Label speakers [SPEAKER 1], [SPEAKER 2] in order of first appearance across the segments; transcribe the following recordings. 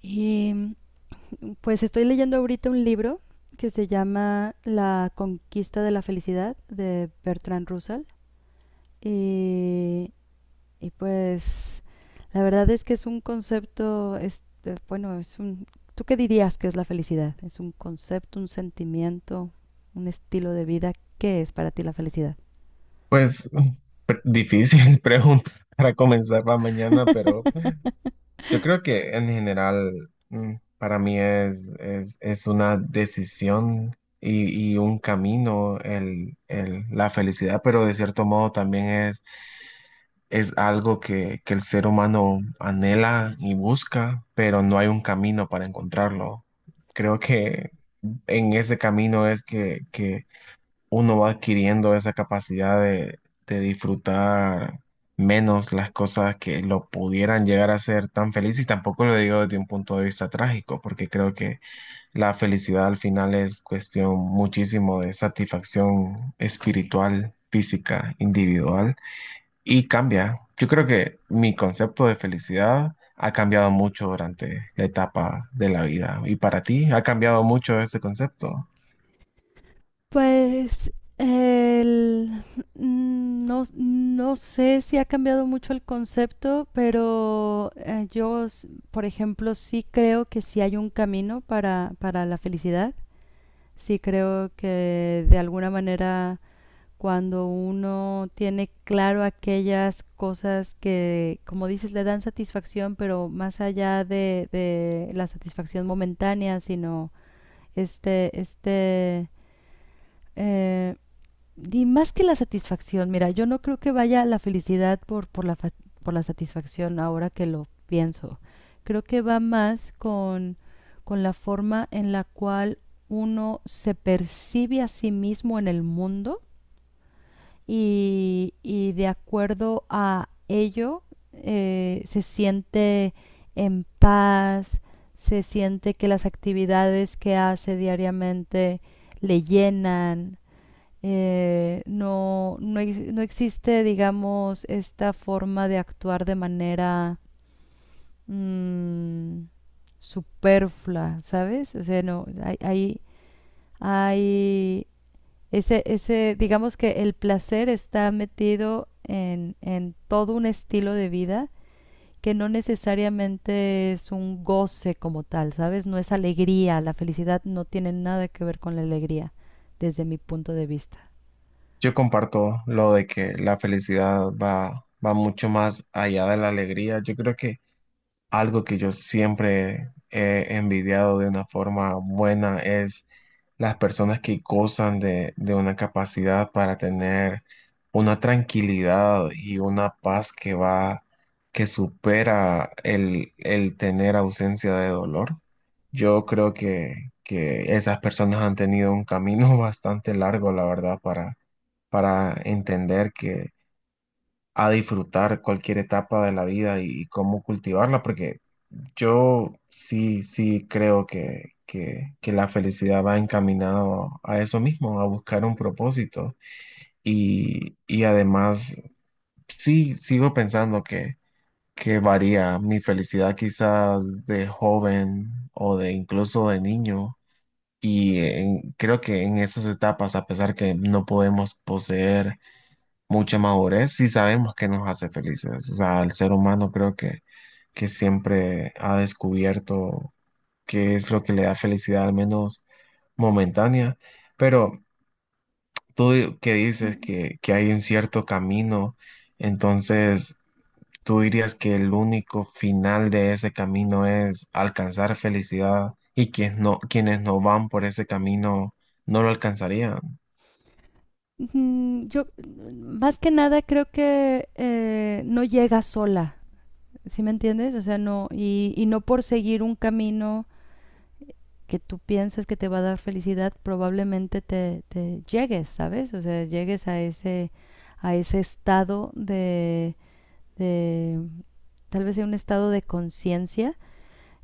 [SPEAKER 1] Y pues estoy leyendo ahorita un libro que se llama La conquista de la felicidad de Bertrand Russell. Y, y pues la verdad es que es un concepto, es, bueno, es un... ¿Tú qué dirías que es la felicidad? ¿Es un concepto, un sentimiento, un estilo de vida? ¿Qué es para ti la felicidad?
[SPEAKER 2] Pues difícil pregunta para comenzar la mañana, pero yo creo que en general para mí es una decisión y un camino la felicidad, pero de cierto modo también es algo que el ser humano anhela y busca, pero no hay un camino para encontrarlo. Creo que en ese camino es que uno va adquiriendo esa capacidad de disfrutar menos las cosas que lo pudieran llegar a hacer tan feliz y tampoco lo digo desde un punto de vista trágico, porque creo que la felicidad al final es cuestión muchísimo de satisfacción espiritual, física, individual y cambia. Yo creo que mi concepto de felicidad ha cambiado mucho durante la etapa de la vida. ¿Y para ti ha cambiado mucho ese concepto?
[SPEAKER 1] Pues el, no sé si ha cambiado mucho el concepto, pero yo, por ejemplo, sí creo que sí hay un camino para la felicidad. Sí creo que de alguna manera cuando uno tiene claro aquellas cosas que, como dices, le dan satisfacción, pero más allá de la satisfacción momentánea, sino este, este, eh, y más que la satisfacción, mira, yo no creo que vaya la felicidad por la satisfacción ahora que lo pienso. Creo que va más con la forma en la cual uno se percibe a sí mismo en el mundo y de acuerdo a ello se siente en paz, se siente que las actividades que hace diariamente le llenan, no existe, digamos, esta forma de actuar de manera mm, superflua, ¿sabes? O sea, no, hay digamos que el placer está metido en todo un estilo de vida que no necesariamente es un goce como tal, ¿sabes? No es alegría, la felicidad no tiene nada que ver con la alegría, desde mi punto de vista.
[SPEAKER 2] Yo comparto lo de que la felicidad va mucho más allá de la alegría. Yo creo que algo que yo siempre he envidiado de una forma buena es las personas que gozan de una capacidad para tener una tranquilidad y una paz que supera el tener ausencia de dolor. Yo creo que esas personas han tenido un camino bastante largo, la verdad, para entender que a disfrutar cualquier etapa de la vida y cómo cultivarla, porque yo sí creo que la felicidad va encaminado a eso mismo, a buscar un propósito. Y además, sí, sigo pensando que varía mi felicidad quizás de joven o de incluso de niño. Creo que en esas etapas, a pesar que no podemos poseer mucha madurez si sabemos que nos hace felices. O sea, el ser humano creo que siempre ha descubierto qué es lo que le da felicidad, al menos momentánea. Pero tú di- que dices que hay un cierto camino, entonces tú dirías que el único final de ese camino es alcanzar felicidad y quienes no van por ese camino no lo alcanzarían.
[SPEAKER 1] Más que nada, creo que no llega sola, ¿sí me entiendes? O sea, no, y no por seguir un camino que tú piensas que te va a dar felicidad, probablemente te llegues, ¿sabes? O sea, llegues a ese estado de tal vez sea un estado de conciencia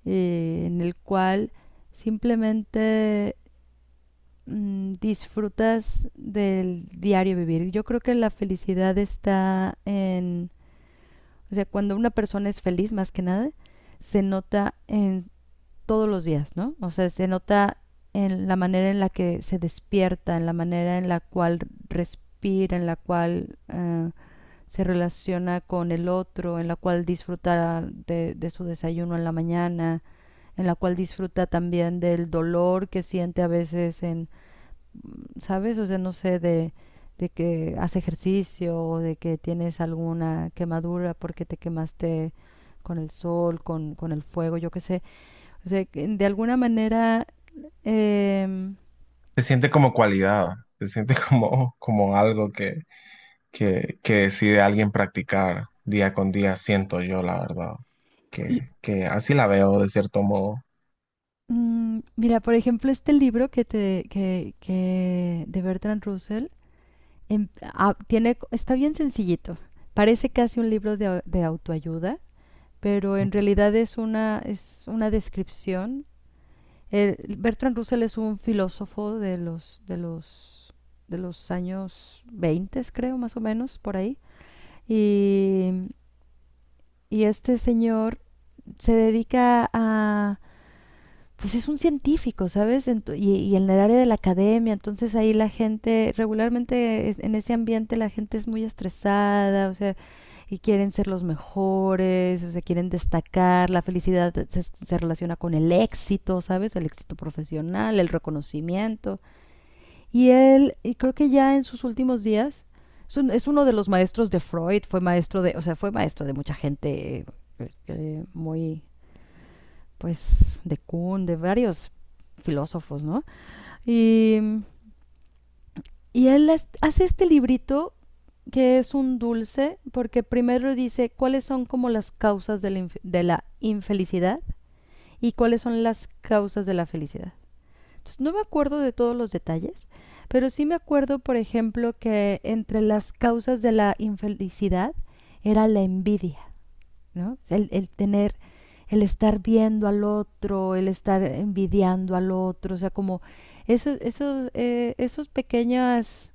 [SPEAKER 1] en el cual simplemente disfrutas del diario vivir. Yo creo que la felicidad está en, o sea, cuando una persona es feliz más que nada, se nota en todos los días, ¿no? O sea, se nota en la manera en la que se despierta, en la manera en la cual respira, en la cual se relaciona con el otro, en la cual disfruta de su desayuno en la mañana, en la cual disfruta también del dolor que siente a veces en ¿sabes? O sea, no sé, de que haces ejercicio o de que tienes alguna quemadura porque te quemaste con el sol, con el fuego, yo qué sé. O sea, que de alguna manera... em,
[SPEAKER 2] Se siente como cualidad, se siente como algo que decide alguien practicar día con día, siento yo, la verdad,
[SPEAKER 1] y
[SPEAKER 2] que así la veo de cierto modo.
[SPEAKER 1] mira, por ejemplo, este libro que de Bertrand Russell tiene, está bien sencillito. Parece casi un libro de autoayuda, pero en realidad es una descripción. Bertrand Russell es un filósofo de los años 20, creo, más o menos, por ahí. Y, y este señor se dedica a pues es un científico, ¿sabes? Y, y en el área de la academia, entonces ahí la gente, regularmente en ese ambiente la gente es muy estresada, o sea, y quieren ser los mejores, o sea, quieren destacar, se relaciona con el éxito, ¿sabes? El éxito profesional, el reconocimiento. Y creo que ya en sus últimos días, es uno de los maestros de Freud, fue maestro de, o sea, fue maestro de mucha gente, muy pues, de Kuhn, de varios filósofos, ¿no? Y, y él hace este librito que es un dulce porque primero dice cuáles son como las causas de la infelicidad y cuáles son las causas de la felicidad. Entonces, no me acuerdo de todos los detalles, pero sí me acuerdo, por ejemplo, que entre las causas de la infelicidad era la envidia. ¿No? Tener, el estar viendo al otro, el estar envidiando al otro, o sea, como esos pequeños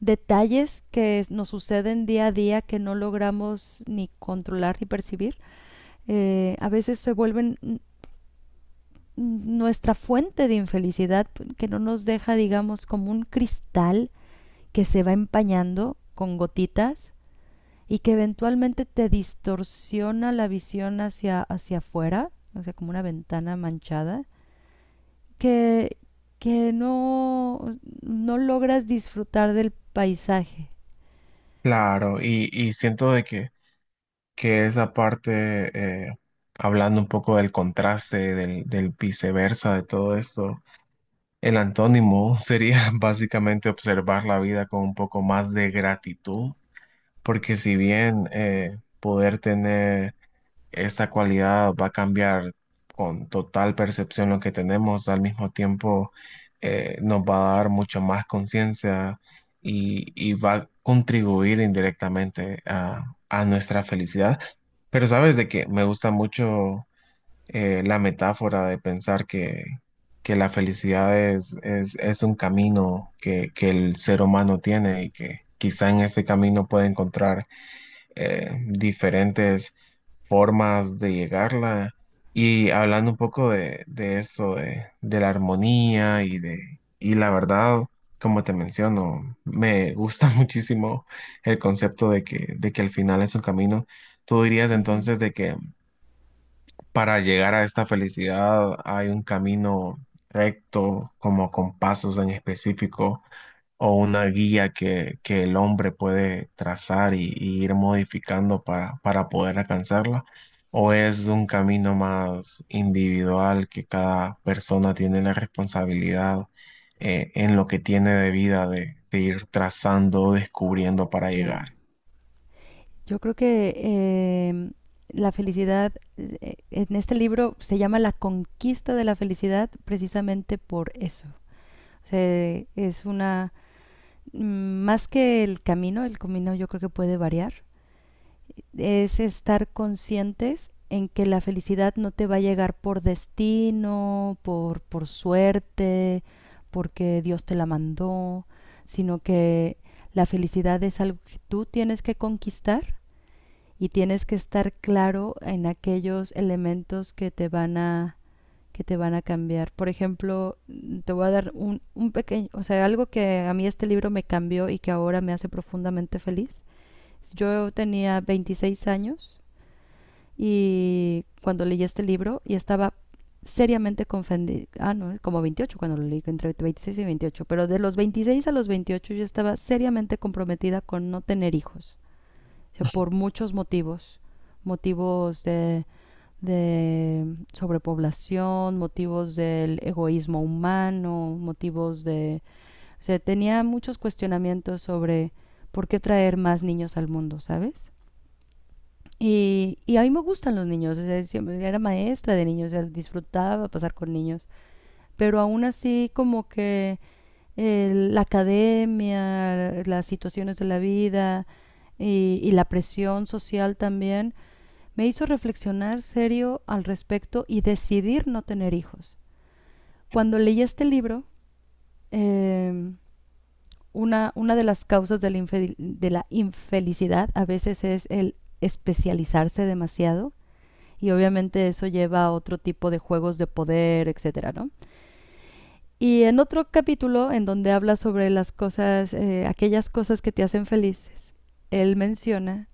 [SPEAKER 1] detalles que nos suceden día a día que no logramos ni controlar ni percibir, a veces se vuelven nuestra fuente de infelicidad que no nos deja, digamos, como un cristal que se va empañando con gotitas y que eventualmente te distorsiona la visión hacia afuera, o sea, como una ventana manchada, que, que no logras disfrutar del paisaje.
[SPEAKER 2] Claro, y siento que esa parte, hablando un poco del contraste, del viceversa de todo esto, el antónimo sería básicamente observar la vida con un poco más de gratitud, porque si bien poder tener esta cualidad va a cambiar con total percepción lo que tenemos, al mismo tiempo nos va a dar mucho más conciencia y va a contribuir indirectamente a nuestra felicidad. Pero sabes de que me gusta mucho la metáfora de pensar que la felicidad es un camino que el ser humano tiene y que quizá en este camino puede encontrar diferentes formas de llegarla. Y hablando un poco de eso, de la armonía y de, y la verdad, como te menciono, me gusta muchísimo el concepto de que al final es un camino. ¿Tú dirías
[SPEAKER 1] Ujú.
[SPEAKER 2] entonces de que para llegar a esta felicidad hay un camino recto, como con pasos en específico? O una guía que el hombre puede trazar y ir modificando para poder alcanzarla, o es un camino más individual que cada persona tiene la responsabilidad en lo que tiene de vida de ir trazando o descubriendo para
[SPEAKER 1] Claro.
[SPEAKER 2] llegar.
[SPEAKER 1] Yo creo que la felicidad, en este libro se llama La conquista de la felicidad precisamente por eso. O sea, es una, mm, más que el camino yo creo que puede variar, es estar conscientes en que la felicidad no te va a llegar por destino, por suerte, porque Dios te la mandó, sino que la felicidad es algo que tú tienes que conquistar y tienes que estar claro en aquellos elementos que te van a cambiar. Por ejemplo, te voy a dar un pequeño, o sea, algo que a mí este libro me cambió y que ahora me hace profundamente feliz. Yo tenía 26 años y cuando leí este libro y estaba seriamente confundida, ah, no, como 28 cuando lo leí, entre 26 y veintiocho, pero de los 26 a los 28 yo estaba seriamente comprometida con no tener hijos, o sea, por muchos motivos, motivos de sobrepoblación, motivos del egoísmo humano, motivos de... O sea, tenía muchos cuestionamientos sobre por qué traer más niños al mundo, ¿sabes? Y a mí me gustan los niños, o sea, siempre era maestra de niños, o sea, disfrutaba pasar con niños, pero aún así como que la academia, las situaciones de la vida y la presión social también me hizo reflexionar serio al respecto y decidir no tener hijos. Cuando leí este libro, eh, una de las causas de la infelicidad a veces es el especializarse demasiado y obviamente eso lleva a otro tipo de juegos de poder, etcétera, ¿no? Y en otro capítulo en donde habla sobre las cosas, aquellas cosas que te hacen felices, él menciona,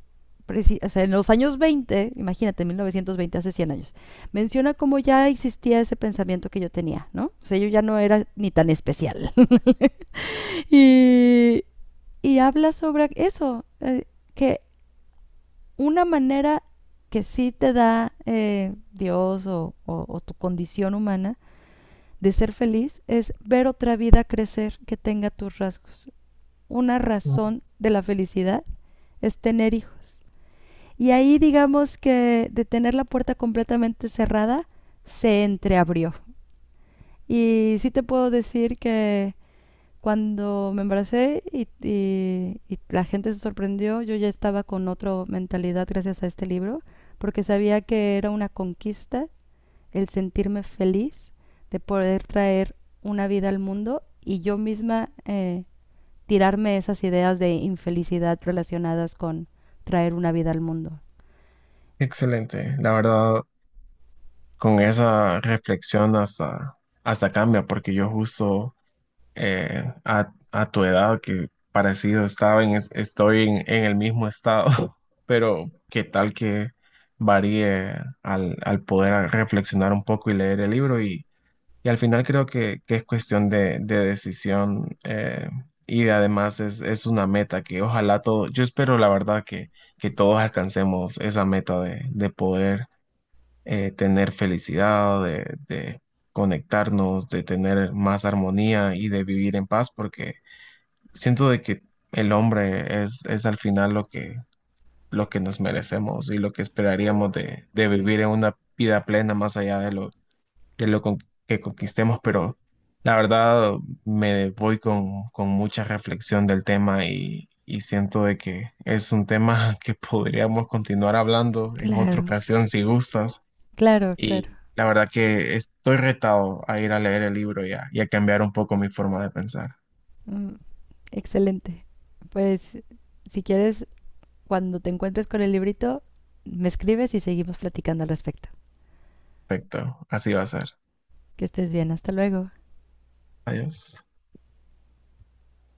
[SPEAKER 1] o sea, en los años 20, imagínate, 1920, hace 100 años, menciona cómo ya existía ese pensamiento que yo tenía, ¿no? O sea, yo ya no era ni tan especial. y, y habla sobre eso, que una manera que sí te da Dios o tu condición humana de ser feliz es ver otra vida crecer que tenga tus rasgos. Una
[SPEAKER 2] Mm,
[SPEAKER 1] razón de la felicidad es tener hijos. Y ahí digamos que de tener la puerta completamente cerrada, se entreabrió. Y sí te puedo decir que cuando me embaracé y la gente se sorprendió, yo ya estaba con otra mentalidad gracias a este libro, porque sabía que era una conquista el sentirme feliz de poder traer una vida al mundo y yo misma tirarme esas ideas de infelicidad relacionadas con traer una vida al mundo.
[SPEAKER 2] Excelente, la verdad, con esa reflexión hasta cambia, porque yo justo... a tu edad, que parecido estaba estoy en el mismo estado, pero qué tal que varíe al poder reflexionar un poco y leer el libro y al final creo que es cuestión de decisión, y además es una meta que ojalá todo, yo espero la verdad que todos alcancemos esa meta de poder tener felicidad, de conectarnos, de tener más armonía y de vivir en paz, porque siento de que el hombre es al final lo que nos merecemos y lo que esperaríamos de vivir en una vida plena más allá de lo, de lo con- que conquistemos, pero la verdad me voy con mucha reflexión del tema y... Y siento de que es un tema que podríamos continuar hablando en otra
[SPEAKER 1] Claro,
[SPEAKER 2] ocasión si gustas.
[SPEAKER 1] claro,
[SPEAKER 2] Y
[SPEAKER 1] claro.
[SPEAKER 2] la verdad que estoy retado a ir a leer el libro ya y a cambiar un poco mi forma de pensar.
[SPEAKER 1] Mm, excelente. Pues si quieres cuando te encuentres con el librito, me escribes y seguimos platicando al respecto.
[SPEAKER 2] Perfecto, así va a ser.
[SPEAKER 1] Que estés bien, hasta luego.
[SPEAKER 2] Adiós.